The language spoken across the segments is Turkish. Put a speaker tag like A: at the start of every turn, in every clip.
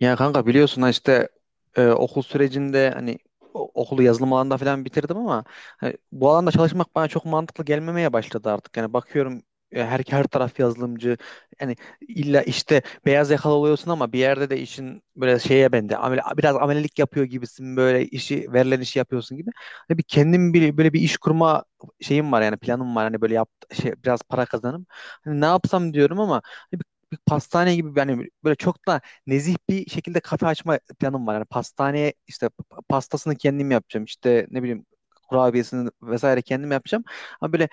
A: Ya kanka biliyorsun ha işte okul sürecinde hani okulu yazılım alanında falan bitirdim ama hani bu alanda çalışmak bana çok mantıklı gelmemeye başladı artık. Yani bakıyorum, her taraf yazılımcı. Yani illa işte beyaz yakalı oluyorsun ama bir yerde de işin böyle şeye bende amele, biraz amelelik yapıyor gibisin, böyle işi verilen işi yapıyorsun gibi. Hani bir kendim bir böyle bir iş kurma şeyim var, yani planım var hani böyle yap şey biraz para kazanım. Hani ne yapsam diyorum ama hani bir pastane gibi, yani böyle çok da nezih bir şekilde kafe açma planım var. Yani pastaneye işte pastasını kendim yapacağım. İşte ne bileyim kurabiyesini vesaire kendim yapacağım. Ama böyle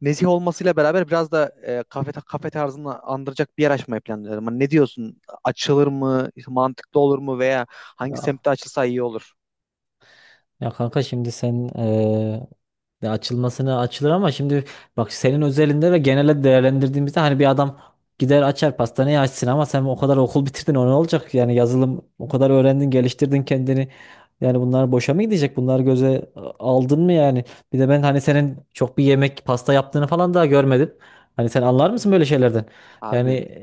A: nezih olmasıyla beraber biraz da kafe tarzını andıracak bir yer açmayı planlıyorum. Hani ne diyorsun? Açılır mı? İşte mantıklı olur mu? Veya hangi
B: Ya,
A: semtte açılsa iyi olur?
B: ya kanka şimdi sen ya açılmasına açılır ama şimdi bak senin özelinde ve genele değerlendirdiğimizde hani bir adam gider açar pastaneyi açsın ama sen o kadar okul bitirdin o ne olacak? Yani yazılım o kadar öğrendin geliştirdin kendini. Yani bunlar boşa mı gidecek? Bunları göze aldın mı yani? Bir de ben hani senin çok bir yemek pasta yaptığını falan daha görmedim. Hani sen anlar mısın böyle şeylerden?
A: Abi,
B: Yani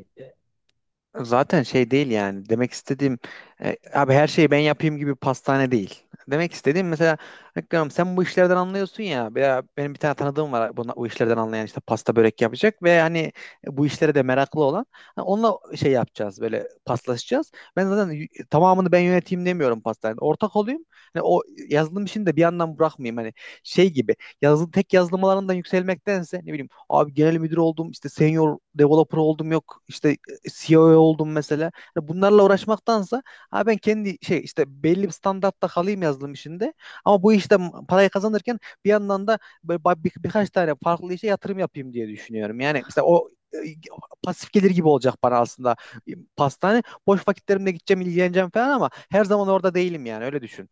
A: zaten şey değil, yani demek istediğim, abi her şeyi ben yapayım gibi pastane değil. Demek istediğim mesela Hakkı'm sen bu işlerden anlıyorsun ya, veya benim bir tane tanıdığım var buna, bu işlerden anlayan, işte pasta börek yapacak ve hani bu işlere de meraklı olan. Ha, onunla şey yapacağız, böyle paslaşacağız. Ben zaten tamamını ben yöneteyim demiyorum, pastanede ortak olayım. Hani o yazılım işini de bir yandan bırakmayayım, hani şey gibi, yazılım tek yazılım alanından yükselmektense ne bileyim abi, genel müdür oldum, işte senior developer oldum, yok işte CEO oldum mesela. Hani bunlarla uğraşmaktansa ha ben kendi şey işte belli bir standartta kalayım yazılım işinde. Ama bu işte parayı kazanırken bir yandan da böyle birkaç tane farklı işe yatırım yapayım diye düşünüyorum. Yani mesela o pasif gelir gibi olacak bana aslında, pastane. Boş vakitlerimde gideceğim, ilgileneceğim falan, ama her zaman orada değilim, yani öyle düşün.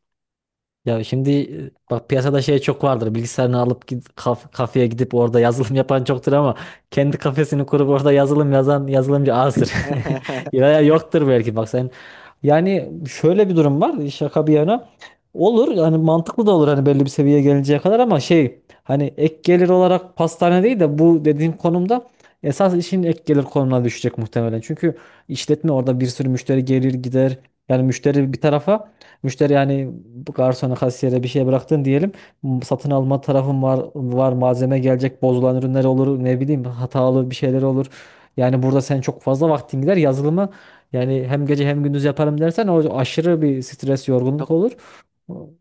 B: ya şimdi bak piyasada şey çok vardır. Bilgisayarını alıp git, kafeye gidip orada yazılım yapan çoktur ama kendi kafesini kurup orada yazılım yazan yazılımcı azdır. Ya ya yoktur belki bak sen. Yani şöyle bir durum var şaka bir yana. Olur yani mantıklı da olur hani belli bir seviyeye gelinceye kadar ama şey hani ek gelir olarak pastane değil de bu dediğim konumda esas işin ek gelir konumuna düşecek muhtemelen. Çünkü işletme orada bir sürü müşteri gelir gider. Yani müşteri bir tarafa, müşteri yani bu garsona, kasiyere bir şey bıraktın diyelim. Satın alma tarafın var, var malzeme gelecek, bozulan ürünler olur, ne bileyim hatalı bir şeyler olur. Yani burada sen çok fazla vaktin gider yazılımı, yani hem gece hem gündüz yaparım dersen o aşırı bir stres, yorgunluk
A: Yok
B: olur.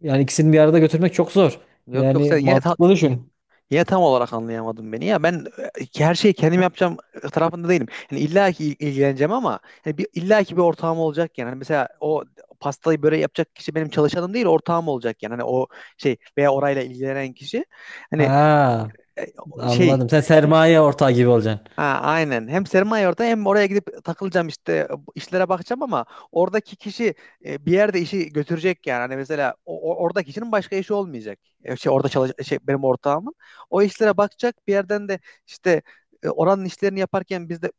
B: Yani ikisini bir arada götürmek çok zor.
A: yok yok
B: Yani
A: sen yine
B: mantıklı düşün.
A: yine tam olarak anlayamadım beni ya. Ben her şeyi kendim yapacağım tarafında değilim. Yani illa ki ilgileneceğim ama hani illa ki bir ortağım olacak yani. Hani mesela o pastayı böreği yapacak kişi benim çalışanım değil, ortağım olacak yani. Hani o şey, veya orayla ilgilenen kişi. Hani
B: Ha,
A: e, o şey
B: anladım. Sen sermaye ortağı gibi olacaksın.
A: Ha, aynen. Hem sermaye orada, hem oraya gidip takılacağım, işte işlere bakacağım, ama oradaki kişi bir yerde işi götürecek yani. Hani mesela oradaki kişinin başka işi olmayacak. Şey, orada çalış şey, benim ortağımın. O işlere bakacak, bir yerden de işte, oranın işlerini yaparken biz de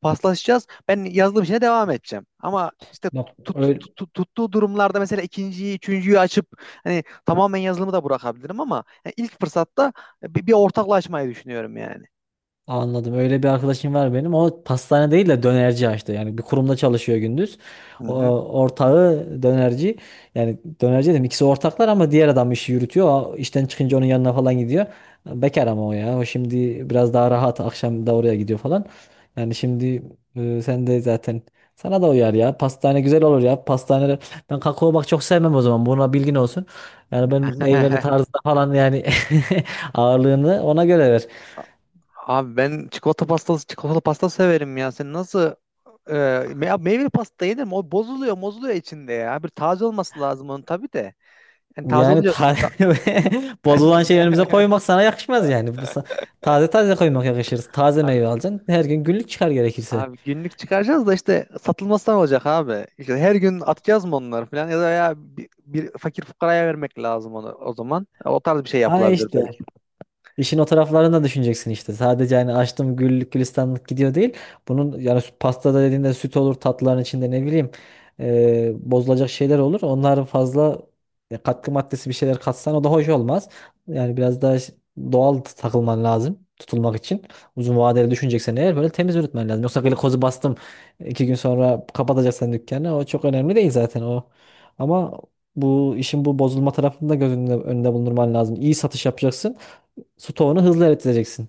A: paslaşacağız. Ben yazdığım işine devam edeceğim. Ama işte
B: Yok, öyle,
A: tuttuğu durumlarda mesela ikinciyi, üçüncüyü açıp hani tamamen yazılımı da bırakabilirim, ama yani ilk fırsatta bir ortaklaşmayı düşünüyorum yani.
B: anladım. Öyle bir arkadaşım var benim. O pastane değil de dönerci açtı. Yani bir kurumda çalışıyor gündüz.
A: Hı
B: O,
A: hı.
B: ortağı dönerci. Yani dönerci dedim ikisi ortaklar ama diğer adam işi yürütüyor. O işten çıkınca onun yanına falan gidiyor. Bekar ama o ya. O şimdi biraz daha rahat. Akşam da oraya gidiyor falan. Yani şimdi sen de zaten sana da uyar ya. Pastane güzel olur ya. Pastane, ben kakao bak çok sevmem o zaman. Buna bilgin olsun. Yani ben meyveli tarzda falan yani ağırlığını ona göre ver.
A: Abi ben çikolata pastası, çikolata pasta severim ya. Sen nasıl e, ya meyveli pasta yenir? O bozuluyor, bozuluyor içinde ya. Bir taze olması lazım onun tabii de. Yani taze
B: Yani
A: olunca da-
B: taze bozulan şey önümüze koymak sana yakışmaz yani. Taze taze koymak yakışır. Taze
A: abi,
B: meyve alacaksın. Her gün günlük çıkar gerekirse.
A: abi günlük çıkaracağız da işte satılmasından olacak abi. İşte her gün atacağız mı onları falan, ya da ya bir fakir fukaraya vermek lazım onu o zaman. O tarz bir şey
B: Ha
A: yapılabilir
B: işte.
A: belki.
B: İşin o taraflarını da düşüneceksin işte. Sadece hani açtım güllük gülistanlık gidiyor değil. Bunun yani pastada dediğinde süt olur, tatlıların içinde ne bileyim bozulacak şeyler olur. Onların fazla katkı maddesi bir şeyler katsan o da hoş olmaz. Yani biraz daha doğal takılman lazım tutulmak için. Uzun vadeli düşüneceksen eğer böyle temiz üretmen lazım. Yoksa glikozu bastım iki gün sonra kapatacaksan dükkanı o çok önemli değil zaten o. Ama bu işin bu bozulma tarafını da göz önünde bulundurman lazım. İyi satış yapacaksın. Stoğunu hızlı eriteceksin.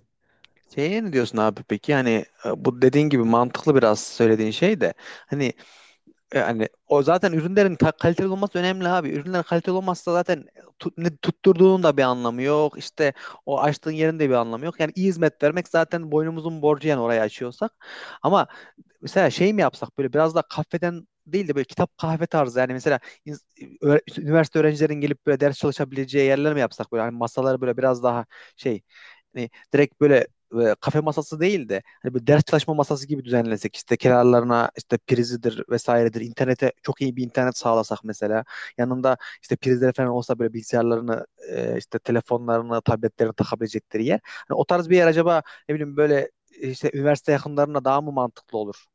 A: Şeye ne diyorsun abi peki? Hani bu dediğin gibi mantıklı biraz söylediğin şey de, hani, yani o zaten ürünlerin kaliteli olması önemli abi. Ürünler kaliteli olmazsa zaten tut, ne tutturduğunun da bir anlamı yok. İşte o açtığın yerin de bir anlamı yok. Yani iyi hizmet vermek zaten boynumuzun borcu yani, orayı açıyorsak. Ama mesela şey mi yapsak, böyle biraz da kafeden değil de böyle kitap kahve tarzı, yani mesela ins- üniversite öğrencilerin gelip böyle ders çalışabileceği yerler mi yapsak, böyle hani masaları böyle biraz daha şey, hani direkt böyle kafe masası değil de hani böyle ders çalışma masası gibi düzenlesek, işte kenarlarına işte prizidir vesairedir, internete çok iyi bir internet sağlasak mesela, yanında işte prizler falan olsa, böyle bilgisayarlarını işte telefonlarını, tabletlerini takabilecekleri yer, hani o tarz bir yer acaba, ne bileyim böyle, işte üniversite yakınlarına daha mı mantıklı olur?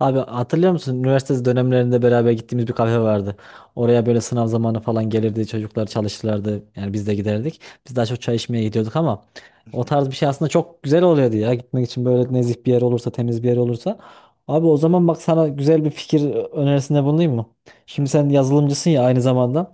B: Abi hatırlıyor musun? Üniversite dönemlerinde beraber gittiğimiz bir kafe vardı. Oraya böyle sınav zamanı falan gelirdi. Çocuklar çalışırlardı. Yani biz de giderdik. Biz daha çok çay içmeye gidiyorduk ama o tarz bir şey aslında çok güzel oluyordu ya. Gitmek için böyle nezih bir yer olursa, temiz bir yer olursa. Abi o zaman bak sana güzel bir fikir önerisinde bulunayım mı?
A: Hı
B: Şimdi sen yazılımcısın ya aynı zamanda.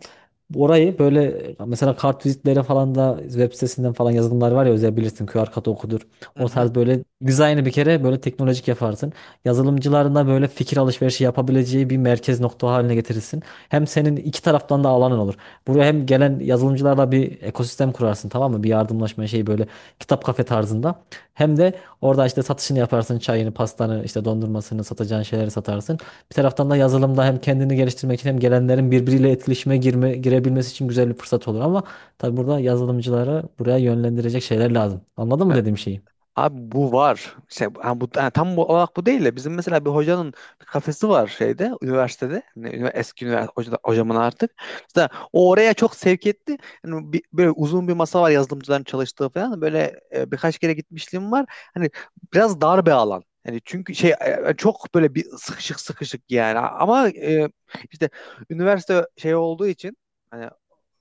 B: Orayı böyle mesela kartvizitlere falan da web sitesinden falan yazılımlar var ya özel bilirsin QR kodu okudur.
A: hı.
B: O
A: Hı.
B: tarz böyle dizaynı bir kere böyle teknolojik yaparsın. Yazılımcıların da böyle fikir alışverişi yapabileceği bir merkez nokta haline getirirsin. Hem senin iki taraftan da alanın olur. Buraya hem gelen yazılımcılarla bir ekosistem kurarsın, tamam mı? Bir yardımlaşma şeyi böyle kitap kafe tarzında. Hem de orada işte satışını yaparsın çayını, pastanı, işte dondurmasını satacağın şeyleri satarsın. Bir taraftan da yazılımda hem kendini geliştirmek için hem gelenlerin birbiriyle etkileşime girebilmesi için güzel bir fırsat olur ama tabii burada yazılımcıları buraya yönlendirecek şeyler lazım. Anladın
A: E,
B: mı dediğim şeyi?
A: Abi bu var. Şey, ha, bu, ha, tam bu olarak bu değil de, bizim mesela bir hocanın bir kafesi var şeyde, üniversitede. Hani eski üniversite hocamın artık. Mesela o oraya çok sevk etti. Hani böyle uzun bir masa var, yazılımcıların çalıştığı falan. Böyle birkaç kere gitmişliğim var. Hani biraz dar bir alan. Yani çünkü şey, çok böyle bir sıkışık sıkışık yani. Ama işte üniversite şey olduğu için hani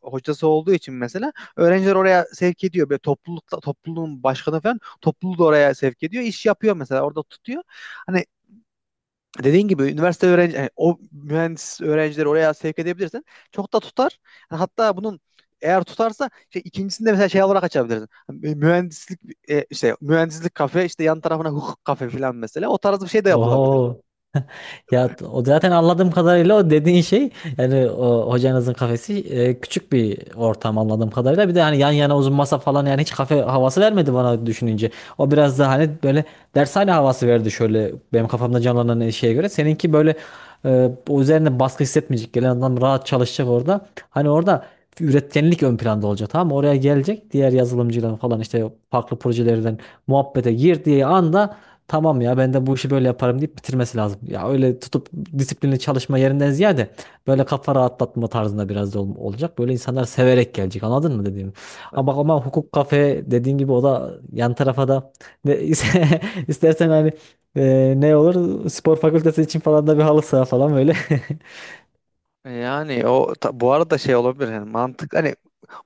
A: hocası olduğu için mesela öğrenciler oraya sevk ediyor. Böyle toplulukta topluluğun başkanı falan topluluğu da oraya sevk ediyor. İş yapıyor mesela, orada tutuyor. Hani dediğin gibi üniversite öğrenci, yani o mühendis öğrencileri oraya sevk edebilirsen çok da tutar. Yani hatta bunun eğer tutarsa şey, ikincisinde mesela şey olarak açabilirsin. Hani mühendislik, işte mühendislik kafe, işte yan tarafına hukuk kafe falan, mesela o tarz bir şey de yapılabilir.
B: Oho, ya o zaten anladığım kadarıyla o dediğin şey, yani o hocanızın kafesi küçük bir ortam anladığım kadarıyla. Bir de hani yan yana uzun masa falan, yani hiç kafe havası vermedi bana düşününce. O biraz daha hani böyle dershane havası verdi şöyle benim kafamda canlanan şeye göre. Seninki böyle o üzerine baskı hissetmeyecek. Gelen adam rahat çalışacak orada. Hani orada üretkenlik ön planda olacak, tamam mı? Oraya gelecek diğer yazılımcılar falan işte farklı projelerden muhabbete girdiği anda tamam ya ben de bu işi böyle yaparım deyip bitirmesi lazım. Ya öyle tutup disiplinli çalışma yerinden ziyade böyle kafa rahatlatma tarzında biraz da olacak. Böyle insanlar severek gelecek, anladın mı dediğim. Ama hukuk kafe dediğin gibi o da yan tarafa da ne, istersen hani ne olur spor fakültesi için falan da bir halı saha falan böyle.
A: Yani o bu arada şey olabilir yani, mantık hani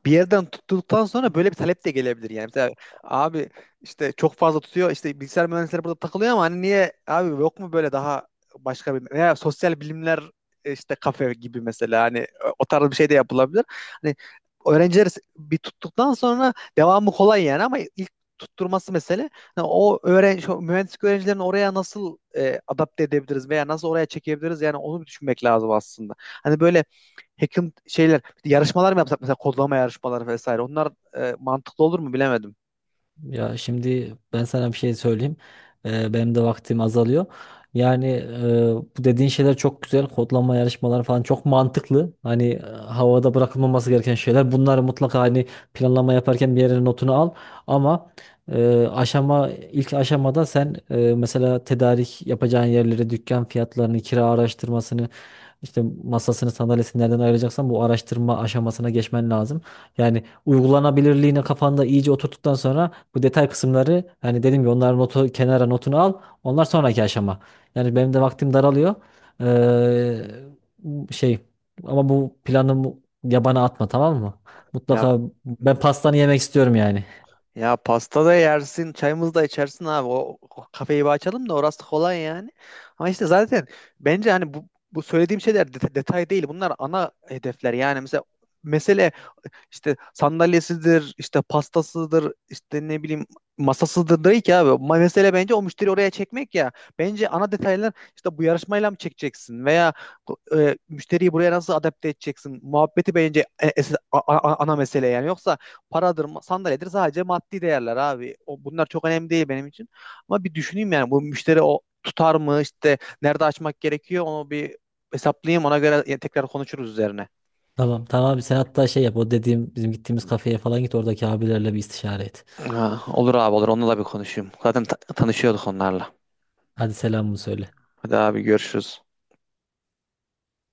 A: bir yerden tuttuktan sonra böyle bir talep de gelebilir yani. Mesela abi işte çok fazla tutuyor, işte bilgisayar mühendisleri burada takılıyor ama hani niye abi yok mu böyle daha başka bir, veya sosyal bilimler işte kafe gibi mesela, hani o tarz bir şey de yapılabilir. Hani öğrenciler bir tuttuktan sonra devamı kolay yani, ama ilk tutturması mesele. Yani o öğrenci, o mühendislik öğrencilerini oraya nasıl adapte edebiliriz veya nasıl oraya çekebiliriz, yani onu bir düşünmek lazım aslında. Hani böyle hacking şeyler, yarışmalar mı yapsak mesela, kodlama yarışmaları vesaire. Onlar mantıklı olur mu bilemedim.
B: Ya şimdi ben sana bir şey söyleyeyim. Benim de vaktim azalıyor. Yani bu dediğin şeyler çok güzel. Kodlama yarışmaları falan çok mantıklı. Hani havada bırakılmaması gereken şeyler. Bunları mutlaka hani planlama yaparken bir yere notunu al. Ama e, aşama ilk aşamada sen mesela tedarik yapacağın yerleri, dükkan fiyatlarını, kira araştırmasını, işte masasını, sandalyesini nereden ayıracaksan bu araştırma aşamasına geçmen lazım. Yani uygulanabilirliğini kafanda iyice oturttuktan sonra bu detay kısımları hani dedim ya onların notunu al. Onlar sonraki aşama. Yani benim de vaktim daralıyor. Ee, şey ama bu planı yabana atma, tamam mı?
A: Ya,
B: Mutlaka ben pastanı yemek istiyorum yani.
A: ya pasta da yersin, çayımızı da içersin abi. O, o kafeyi bir açalım da orası kolay yani. Ama işte zaten bence hani bu söylediğim şeyler detay değil. Bunlar ana hedefler. Yani mesela mesele işte sandalyesidir, işte pastasıdır, işte ne bileyim masasıdır değil ki abi. Mesele bence o müşteri oraya çekmek ya. Bence ana detaylar işte bu yarışmayla mı çekeceksin, veya müşteriyi buraya nasıl adapte edeceksin? Muhabbeti bence ana mesele yani. Yoksa paradır, sandalyedir, sadece maddi değerler abi. O, bunlar çok önemli değil benim için. Ama bir düşüneyim yani, bu müşteri o tutar mı, işte nerede açmak gerekiyor onu bir hesaplayayım, ona göre tekrar konuşuruz üzerine.
B: Tamam tamam abi, sen hatta şey yap o dediğim bizim gittiğimiz kafeye falan git oradaki abilerle bir istişare et.
A: Ha, olur abi olur. Onunla da bir konuşayım. Zaten tanışıyorduk onlarla.
B: Hadi selamımı söyle.
A: Hadi abi görüşürüz.